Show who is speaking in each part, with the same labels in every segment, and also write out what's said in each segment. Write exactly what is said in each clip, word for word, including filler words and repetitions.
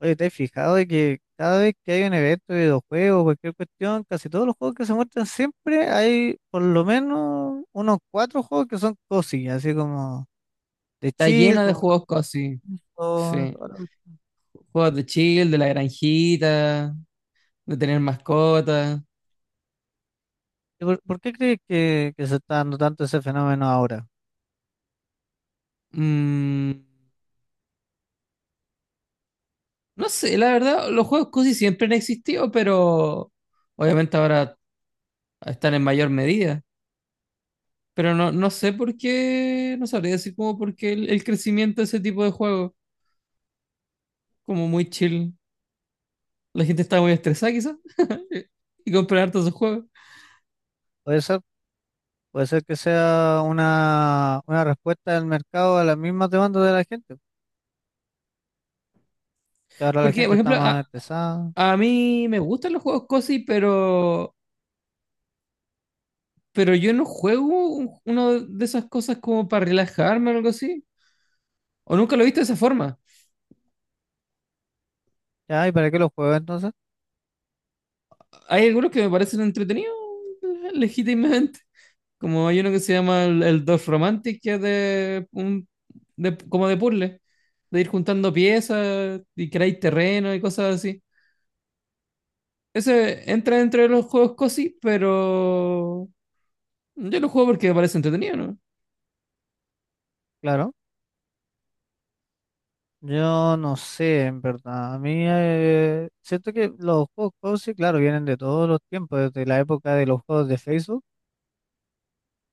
Speaker 1: Oye, ¿te has fijado de que cada vez que hay un evento de videojuegos, cualquier cuestión, casi todos los juegos que se muestran siempre hay por lo menos unos cuatro juegos que son cosillas, así como de
Speaker 2: Está
Speaker 1: chill.
Speaker 2: lleno de
Speaker 1: como...
Speaker 2: juegos cosy. Sí,
Speaker 1: como-
Speaker 2: sí. Juegos de chill, de la granjita, de tener mascotas.
Speaker 1: ¿Y ¿Por, por qué crees que, que se está dando tanto ese fenómeno ahora?
Speaker 2: Mm, no sé, la verdad, los juegos cosy siempre han existido, pero obviamente ahora están en mayor medida. Pero no, no sé por qué, no sabría decir como por qué el, el crecimiento de ese tipo de juegos, como muy chill. La gente está muy estresada quizás y comprar hartos esos juegos.
Speaker 1: Puede ser, puede ser que sea una, una respuesta del mercado a las mismas demandas de la gente. Que ahora la
Speaker 2: Porque,
Speaker 1: gente
Speaker 2: por
Speaker 1: está
Speaker 2: ejemplo,
Speaker 1: más
Speaker 2: a,
Speaker 1: estresada.
Speaker 2: a mí me gustan los juegos cozy, pero pero yo no juego un- uno de esas cosas como para relajarme o algo así. O nunca lo he visto de esa forma.
Speaker 1: ¿Ya? ¿Y para qué los juegos entonces?
Speaker 2: Hay algunos que me parecen entretenidos eh, legítimamente. Como hay uno que se llama el, el Dwarf Romantic, que es de, un, de- como de puzzle, de ir juntando piezas y crear terreno y cosas así. Ese entra dentro de los juegos cosi, pero yo lo juego porque me parece entretenido, ¿no?
Speaker 1: Claro. Yo no sé, en verdad. A mí eh, siento que los juegos cozy, claro, vienen de todos los tiempos, desde la época de los juegos de Facebook,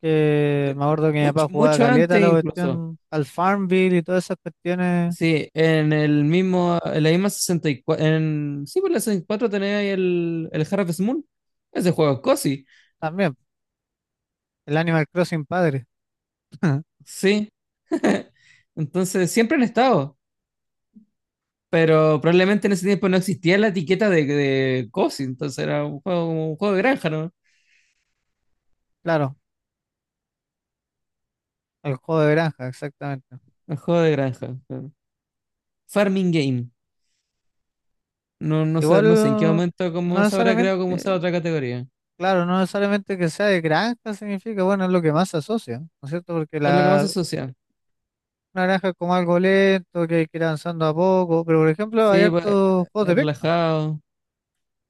Speaker 1: que
Speaker 2: De,
Speaker 1: me acuerdo que mi
Speaker 2: mucho,
Speaker 1: papá jugaba
Speaker 2: mucho
Speaker 1: caleta
Speaker 2: antes
Speaker 1: la
Speaker 2: incluso.
Speaker 1: cuestión al Farmville y todas esas cuestiones
Speaker 2: Sí, en el mismo, en la misma sesenta y cuatro, en, sí, por la sesenta y cuatro tenía ahí el, el Harvest Moon. Ese juego es cozy,
Speaker 1: también. El Animal Crossing padre,
Speaker 2: sí. Entonces siempre han estado, pero probablemente en ese tiempo no existía la etiqueta de, de cozy, entonces era un juego, como un juego de granja, ¿no?
Speaker 1: claro, el juego de granja, exactamente.
Speaker 2: Un juego de granja, claro. Farming game. No, no sé,
Speaker 1: Igual,
Speaker 2: no sé en qué momento
Speaker 1: no
Speaker 2: cómo se habrá creado como esa
Speaker 1: necesariamente,
Speaker 2: otra categoría.
Speaker 1: claro, no necesariamente que sea de granja significa, bueno, es lo que más se asocia, ¿no es cierto? Porque
Speaker 2: Es lo que más se
Speaker 1: la,
Speaker 2: asocia.
Speaker 1: naranja es como algo lento, que hay que ir avanzando a poco, pero por ejemplo hay
Speaker 2: Sí, pues, eh,
Speaker 1: hartos juegos
Speaker 2: eh,
Speaker 1: de pesca,
Speaker 2: relajado.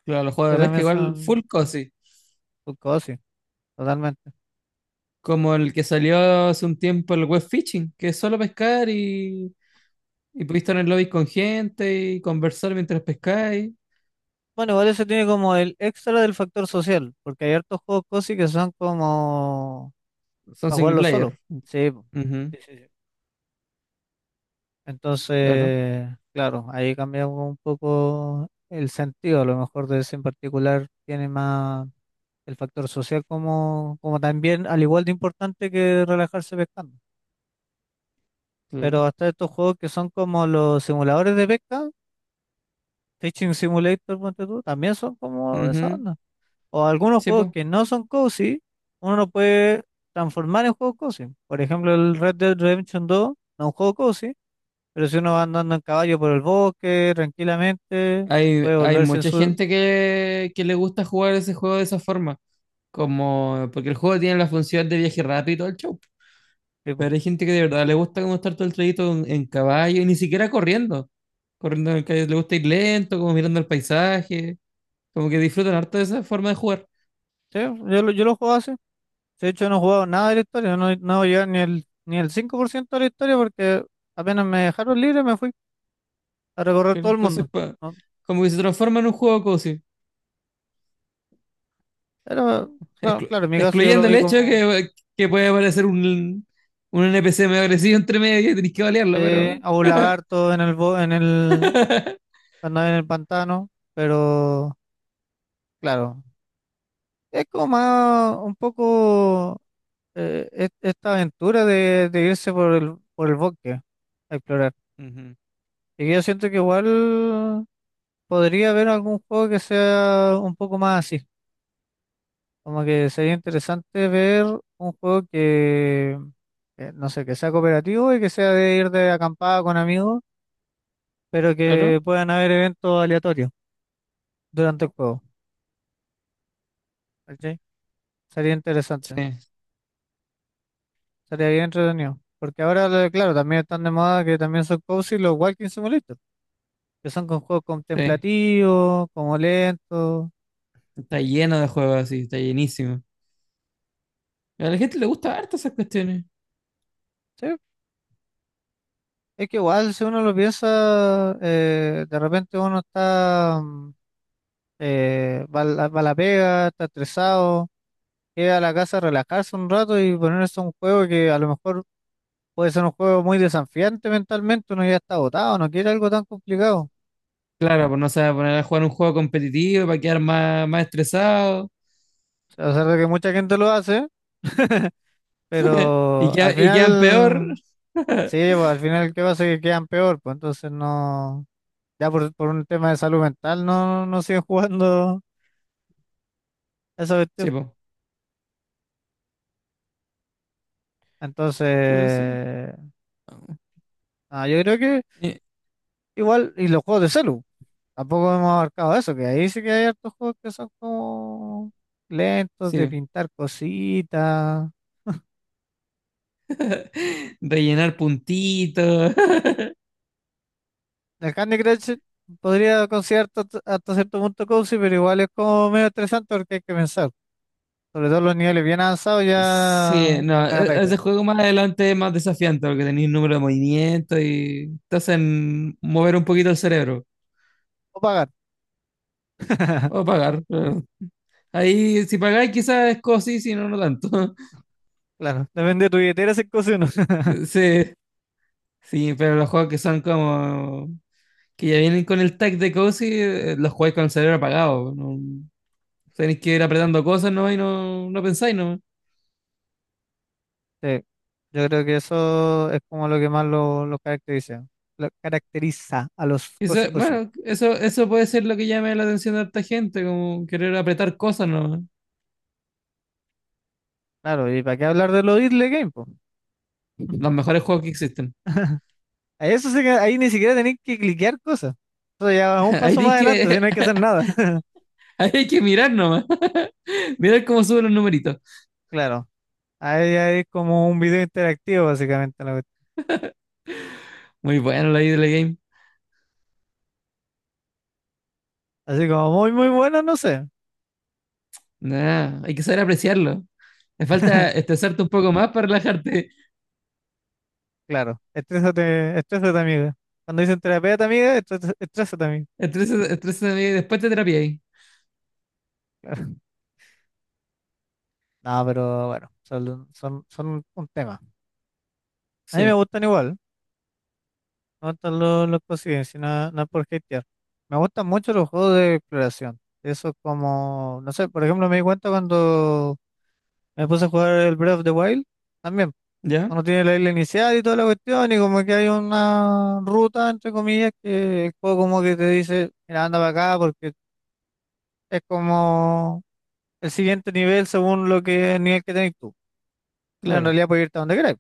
Speaker 2: Claro, los juegos
Speaker 1: que
Speaker 2: de pesca
Speaker 1: también
Speaker 2: igual
Speaker 1: son
Speaker 2: full cozy.
Speaker 1: full cozy, totalmente.
Speaker 2: Como el que salió hace un tiempo, el web fishing, que es solo pescar y, y podéis estar en el lobby con gente y conversar mientras pescáis.
Speaker 1: Bueno, igual eso tiene como el extra del factor social, porque hay hartos juegos cozy que son como
Speaker 2: Son
Speaker 1: para
Speaker 2: single
Speaker 1: jugarlo solo.
Speaker 2: player.
Speaker 1: Sí, po.
Speaker 2: Ujú,
Speaker 1: Sí, sí, sí.
Speaker 2: claro,
Speaker 1: Entonces, claro, ahí cambia un poco el sentido, a lo mejor de ese en particular tiene más el factor social como, como, también, al igual de importante que relajarse pescando. Pero
Speaker 2: claro.
Speaker 1: hasta estos juegos que son como los simuladores de pesca, Fishing Simulator, ponte tú, también son como de esa
Speaker 2: Ujú,
Speaker 1: onda. O algunos
Speaker 2: sí,
Speaker 1: juegos
Speaker 2: po.
Speaker 1: que no son cozy, uno lo puede transformar en juego cozy. Por ejemplo, el Red Dead Redemption dos no es un juego cozy, pero si uno va andando en caballo por el bosque tranquilamente,
Speaker 2: Hay,
Speaker 1: puede
Speaker 2: hay
Speaker 1: volverse en
Speaker 2: mucha
Speaker 1: su
Speaker 2: gente que, que le gusta jugar ese juego de esa forma. Como, porque el juego tiene la función de viaje rápido y todo el show.
Speaker 1: tipo.
Speaker 2: Pero hay gente que de verdad le gusta como estar todo el trayecto en, en caballo y ni siquiera corriendo. Corriendo en el calle, le gusta ir lento, como mirando el paisaje. Como que disfrutan harto de esa forma de jugar.
Speaker 1: Sí, yo, lo- yo lo juego así. De hecho, no he jugado nada de la historia, no, no voy a llegar ni el, ni el cinco por ciento de la historia porque apenas me dejaron libre me fui a recorrer
Speaker 2: Pero
Speaker 1: todo el
Speaker 2: entonces,
Speaker 1: mundo.
Speaker 2: pa-
Speaker 1: ¿No?
Speaker 2: como que se transforma en un juego cozy.
Speaker 1: Pero, bueno,
Speaker 2: Exclu-
Speaker 1: claro, en mi caso yo lo
Speaker 2: excluyendo el
Speaker 1: vi
Speaker 2: hecho de
Speaker 1: como
Speaker 2: que, que puede aparecer un, un N P C medio agresivo entre medio y tenés que balearlo,
Speaker 1: eh,
Speaker 2: pero.
Speaker 1: a un lagarto en el, bo- en el, cuando en el pantano, pero claro, es como más un poco eh, es- esta aventura de, de irse por el, por el bosque a explorar.
Speaker 2: Ujú.
Speaker 1: Y que yo siento que igual podría haber algún juego que sea un poco más así, como que sería interesante ver un juego que, eh, no sé, que sea cooperativo y que sea de ir de acampada con amigos pero que
Speaker 2: Claro.
Speaker 1: puedan haber eventos aleatorios durante el juego, ¿cachai? Sería
Speaker 2: Sí,
Speaker 1: interesante, sería bien entretenido. Porque ahora, lo- claro, también están de moda que también son cozy los walking simulators, que son con juegos
Speaker 2: sí.
Speaker 1: contemplativos, como lentos,
Speaker 2: Está lleno de juegos así, está llenísimo. A la gente le gusta harto esas cuestiones.
Speaker 1: ¿sí? Es que igual, si uno lo piensa, eh, de repente uno está, mm, eh, va, a la va a la pega, está estresado, llega a la casa a relajarse un rato y ponerse un juego que a lo mejor. Puede ser un juego muy desafiante mentalmente, uno ya está agotado, no quiere algo tan complicado.
Speaker 2: Claro, pues no se va a poner a jugar un juego competitivo para quedar más, más estresado
Speaker 1: O sea, a pesar de que mucha gente lo hace,
Speaker 2: y,
Speaker 1: pero
Speaker 2: queda-
Speaker 1: al
Speaker 2: y quedan peor.
Speaker 1: final, sí, pues, al final, ¿qué pasa? Que quedan peor, pues entonces no, ya por, por un tema de salud mental no, no siguen jugando esa cuestión.
Speaker 2: Sí, po. Pero sí.
Speaker 1: Entonces, ah, yo creo que
Speaker 2: Eh,
Speaker 1: igual, y los juegos de celu, tampoco hemos abarcado eso, que ahí sí que hay hartos juegos que son como lentos de
Speaker 2: sí.
Speaker 1: pintar cositas.
Speaker 2: Rellenar puntitos,
Speaker 1: El Candy Crush podría considerar tot- hasta cierto punto cozy, pero igual es como medio estresante porque hay que pensar. Sobre todo los niveles bien avanzados ya
Speaker 2: sí,
Speaker 1: es
Speaker 2: no,
Speaker 1: medio
Speaker 2: e-
Speaker 1: arriesga.
Speaker 2: ese juego más adelante es más desafiante porque tenéis número de movimientos y te hacen mover un poquito el cerebro
Speaker 1: O pagar.
Speaker 2: o pagar. Pero ahí, si pagáis, quizás es cosi, si no, no tanto.
Speaker 1: Claro, depende de tu billetera si es cozy o no.
Speaker 2: Sí, sí, pero los juegos que son como que ya vienen con el tag de cosi, eh, los jugáis con el cerebro apagado. No, tenéis que ir apretando cosas, ¿no? Y no, no pensáis, ¿no?
Speaker 1: Sí, yo creo que eso es como lo que más lo, lo caracteriza. Lo caracteriza a los
Speaker 2: Y eso,
Speaker 1: cozy cozy.
Speaker 2: bueno, eso, eso puede ser lo que llame la atención de harta gente, como querer apretar cosas, ¿no?
Speaker 1: Claro, ¿y para qué hablar de los idle game, po?
Speaker 2: Los mejores juegos que existen.
Speaker 1: A eso sí que- Ahí ni siquiera tenéis que cliquear cosas. Eso ya es un
Speaker 2: Ahí
Speaker 1: paso más
Speaker 2: tenéis
Speaker 1: adelante, si no
Speaker 2: que,
Speaker 1: hay que hacer nada.
Speaker 2: ahí hay que mirar nomás. Mirar cómo suben los numeritos.
Speaker 1: Claro. Ahí hay como un video interactivo, básicamente, la cuestión.
Speaker 2: Muy bueno la idea de la game.
Speaker 1: Así como muy, muy bueno, no sé.
Speaker 2: Nah, hay que saber apreciarlo. Me falta estresarte un poco más para relajarte.
Speaker 1: Claro, estrésate, estrésate, amiga. Cuando dicen terapeuta, amiga, estres- estrésate, amiga.
Speaker 2: Estresa- Estrésate y después te terapia ahí.
Speaker 1: Claro. No, pero bueno, son, son, son un tema. A mí me
Speaker 2: Sí,
Speaker 1: gustan igual, me gustan los, los cosiden, si no, no es por hatear. Me gustan mucho los juegos de exploración. Eso es como, no sé, por ejemplo, me di cuenta cuando me puse a jugar el Breath of the Wild, también.
Speaker 2: ya,
Speaker 1: Uno tiene la isla inicial y toda la cuestión, y como que hay una ruta, entre comillas, que el juego como que te dice, mira, anda para acá, porque es como el siguiente nivel según lo que el nivel que tenés tú. Pero en
Speaker 2: claro.
Speaker 1: realidad puedes irte a donde queráis.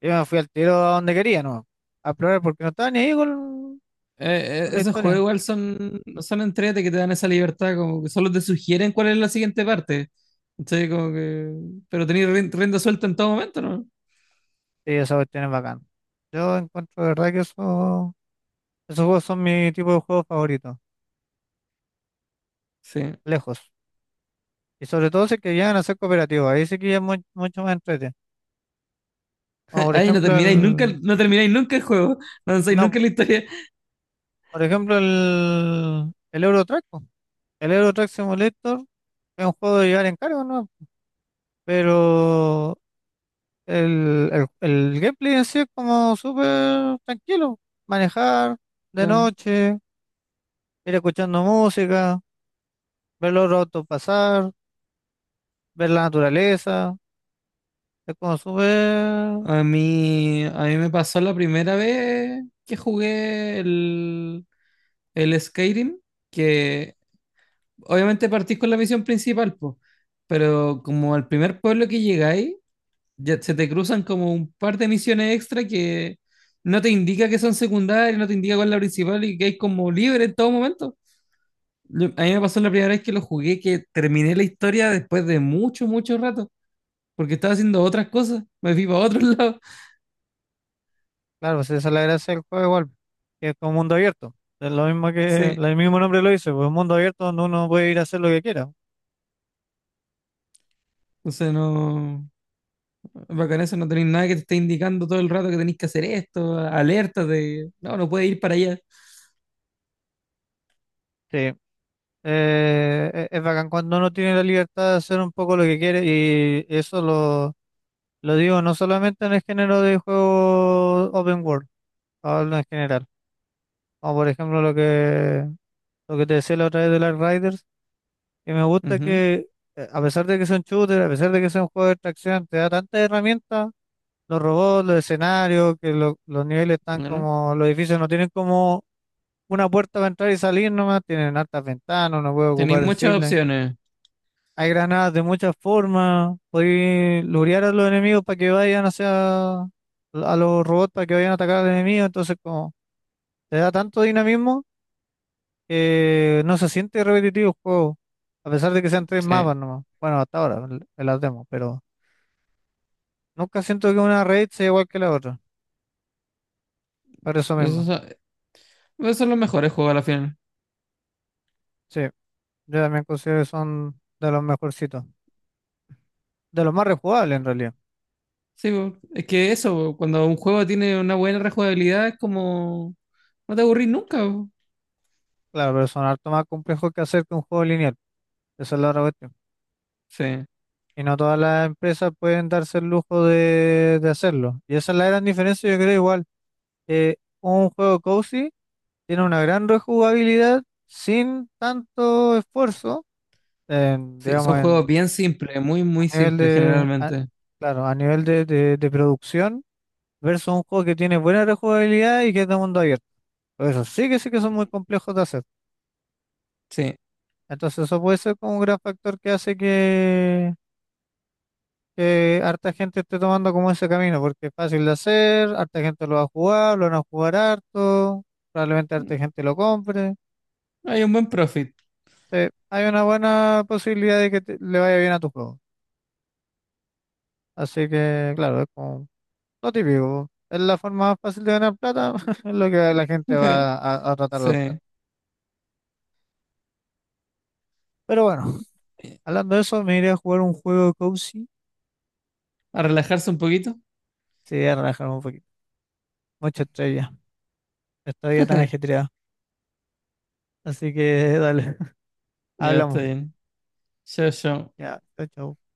Speaker 1: Yo me fui al tiro a donde quería, ¿no? A explorar porque no estaba ni ahí con,
Speaker 2: Eh,
Speaker 1: con
Speaker 2: eh,
Speaker 1: la
Speaker 2: esos juegos
Speaker 1: historia.
Speaker 2: igual son, son entrete que te dan esa libertad, como que solo te sugieren cuál es la siguiente parte. Entonces, como que. Pero tenéis rin- rienda suelta en todo momento, ¿no?
Speaker 1: Sí, esa cuestión es bacán. Yo encuentro de verdad que eso, esos juegos son mi tipo de juegos favoritos,
Speaker 2: Sí.
Speaker 1: lejos. Y sobre todo si es que llegan a ser cooperativos, ahí sí que ya es mu- mucho más entretenido. Como por
Speaker 2: Ahí no
Speaker 1: ejemplo
Speaker 2: termináis nunca,
Speaker 1: el...
Speaker 2: no termináis nunca el juego. No avanzáis
Speaker 1: No,
Speaker 2: nunca en la historia.
Speaker 1: por ejemplo, el, el Euro Truck, po. El Euro Truck Simulator es un juego de llevar en cargo, ¿no? Pero el, el, el gameplay en sí es como súper tranquilo. Manejar de noche, ir escuchando música, ver los autos pasar, ver la naturaleza. Es como súper...
Speaker 2: A mí, a mí me pasó la primera vez que jugué el, el Skyrim, que obviamente partís con la misión principal, po, pero como al primer pueblo que llegáis, ya se te cruzan como un par de misiones extra que no te indica que son secundarias, no te indica cuál es la principal y que hay como libre en todo momento. Lo- A mí me pasó la primera vez que lo jugué, que terminé la historia después de mucho, mucho rato, porque estaba haciendo otras cosas, me fui para otro lado.
Speaker 1: Claro, si esa es la gracia del juego igual, que es como mundo abierto. Es lo mismo que
Speaker 2: Sí,
Speaker 1: el mismo nombre lo dice, pues mundo abierto donde uno puede ir a hacer lo que quiera.
Speaker 2: o sea, no. Bacán eso, no tenéis nada que te esté indicando todo el rato que tenéis que hacer esto, alertas de, no, no puedes ir para allá.
Speaker 1: Sí, Eh, e- es bacán cuando uno tiene la libertad de hacer un poco lo que quiere y eso lo, lo digo no solamente en el género de juegos open world, hablo en general. Como por ejemplo lo que, lo que te decía la otra vez de las Riders, que me gusta
Speaker 2: Ujú,
Speaker 1: que eh, a pesar de que son shooters, a pesar de que son juegos de extracción, te da tantas herramientas, los robots, los escenarios, que lo- los niveles están
Speaker 2: claro.
Speaker 1: como, los edificios no tienen como una puerta para entrar y salir nomás, tienen altas ventanas, uno puede
Speaker 2: Tenéis
Speaker 1: ocupar en.
Speaker 2: muchas opciones.
Speaker 1: Hay granadas de muchas formas. Podéis lurear a los enemigos para que vayan hacia a los robots para que vayan a atacar al enemigo. Entonces, como te da tanto dinamismo que no se siente repetitivo el juego. A pesar de que sean tres mapas
Speaker 2: Sí.
Speaker 1: nomás. Bueno, hasta ahora, en en las demos, pero nunca siento que una raid sea igual que la otra. Por eso
Speaker 2: Eso
Speaker 1: mismo.
Speaker 2: son, esos son los mejores juegos a la final.
Speaker 1: Sí, yo también considero que son de los mejorcitos. De los más rejugables en realidad.
Speaker 2: Sí, po, es que eso, po, cuando un juego tiene una buena rejugabilidad, es como, no te aburrís nunca, po.
Speaker 1: Claro, pero son harto más complejos que hacer que un juego lineal. Esa es la otra cuestión.
Speaker 2: Sí.
Speaker 1: Y no todas las empresas pueden darse el lujo de, de hacerlo. Y esa es la gran diferencia, yo creo igual. Que un juego cozy tiene una gran rejugabilidad sin tanto esfuerzo, en,
Speaker 2: Sí, son
Speaker 1: digamos,
Speaker 2: juegos
Speaker 1: en,
Speaker 2: bien simples, muy,
Speaker 1: a
Speaker 2: muy
Speaker 1: nivel
Speaker 2: simples
Speaker 1: de, a-
Speaker 2: generalmente.
Speaker 1: claro, a nivel de, de, de producción, versus un juego que tiene buena rejugabilidad y que es de mundo abierto. Por eso sí que sí que son muy complejos de hacer.
Speaker 2: Sí.
Speaker 1: Entonces eso puede ser como un gran factor que hace que harta gente esté tomando como ese camino, porque es fácil de hacer, harta gente lo va a jugar, lo van a jugar harto, probablemente harta gente lo compre.
Speaker 2: Hay un buen profit.
Speaker 1: Sí, hay una buena posibilidad de que te- le vaya bien a tu juego. Así que, claro, es como lo típico. Es la forma más fácil de ganar plata, es lo que la gente va a, a tratar de
Speaker 2: Sí.
Speaker 1: adoptar. Pero bueno, hablando de eso, me iré a jugar un juego cozy.
Speaker 2: A relajarse un poquito.
Speaker 1: Sí, a relajarme un poquito. Mucha estrella. Esta vida tan ajetreada. Así que dale,
Speaker 2: Ya está
Speaker 1: hablamos.
Speaker 2: bien. Chao, chao.
Speaker 1: Ya, chao. Chao.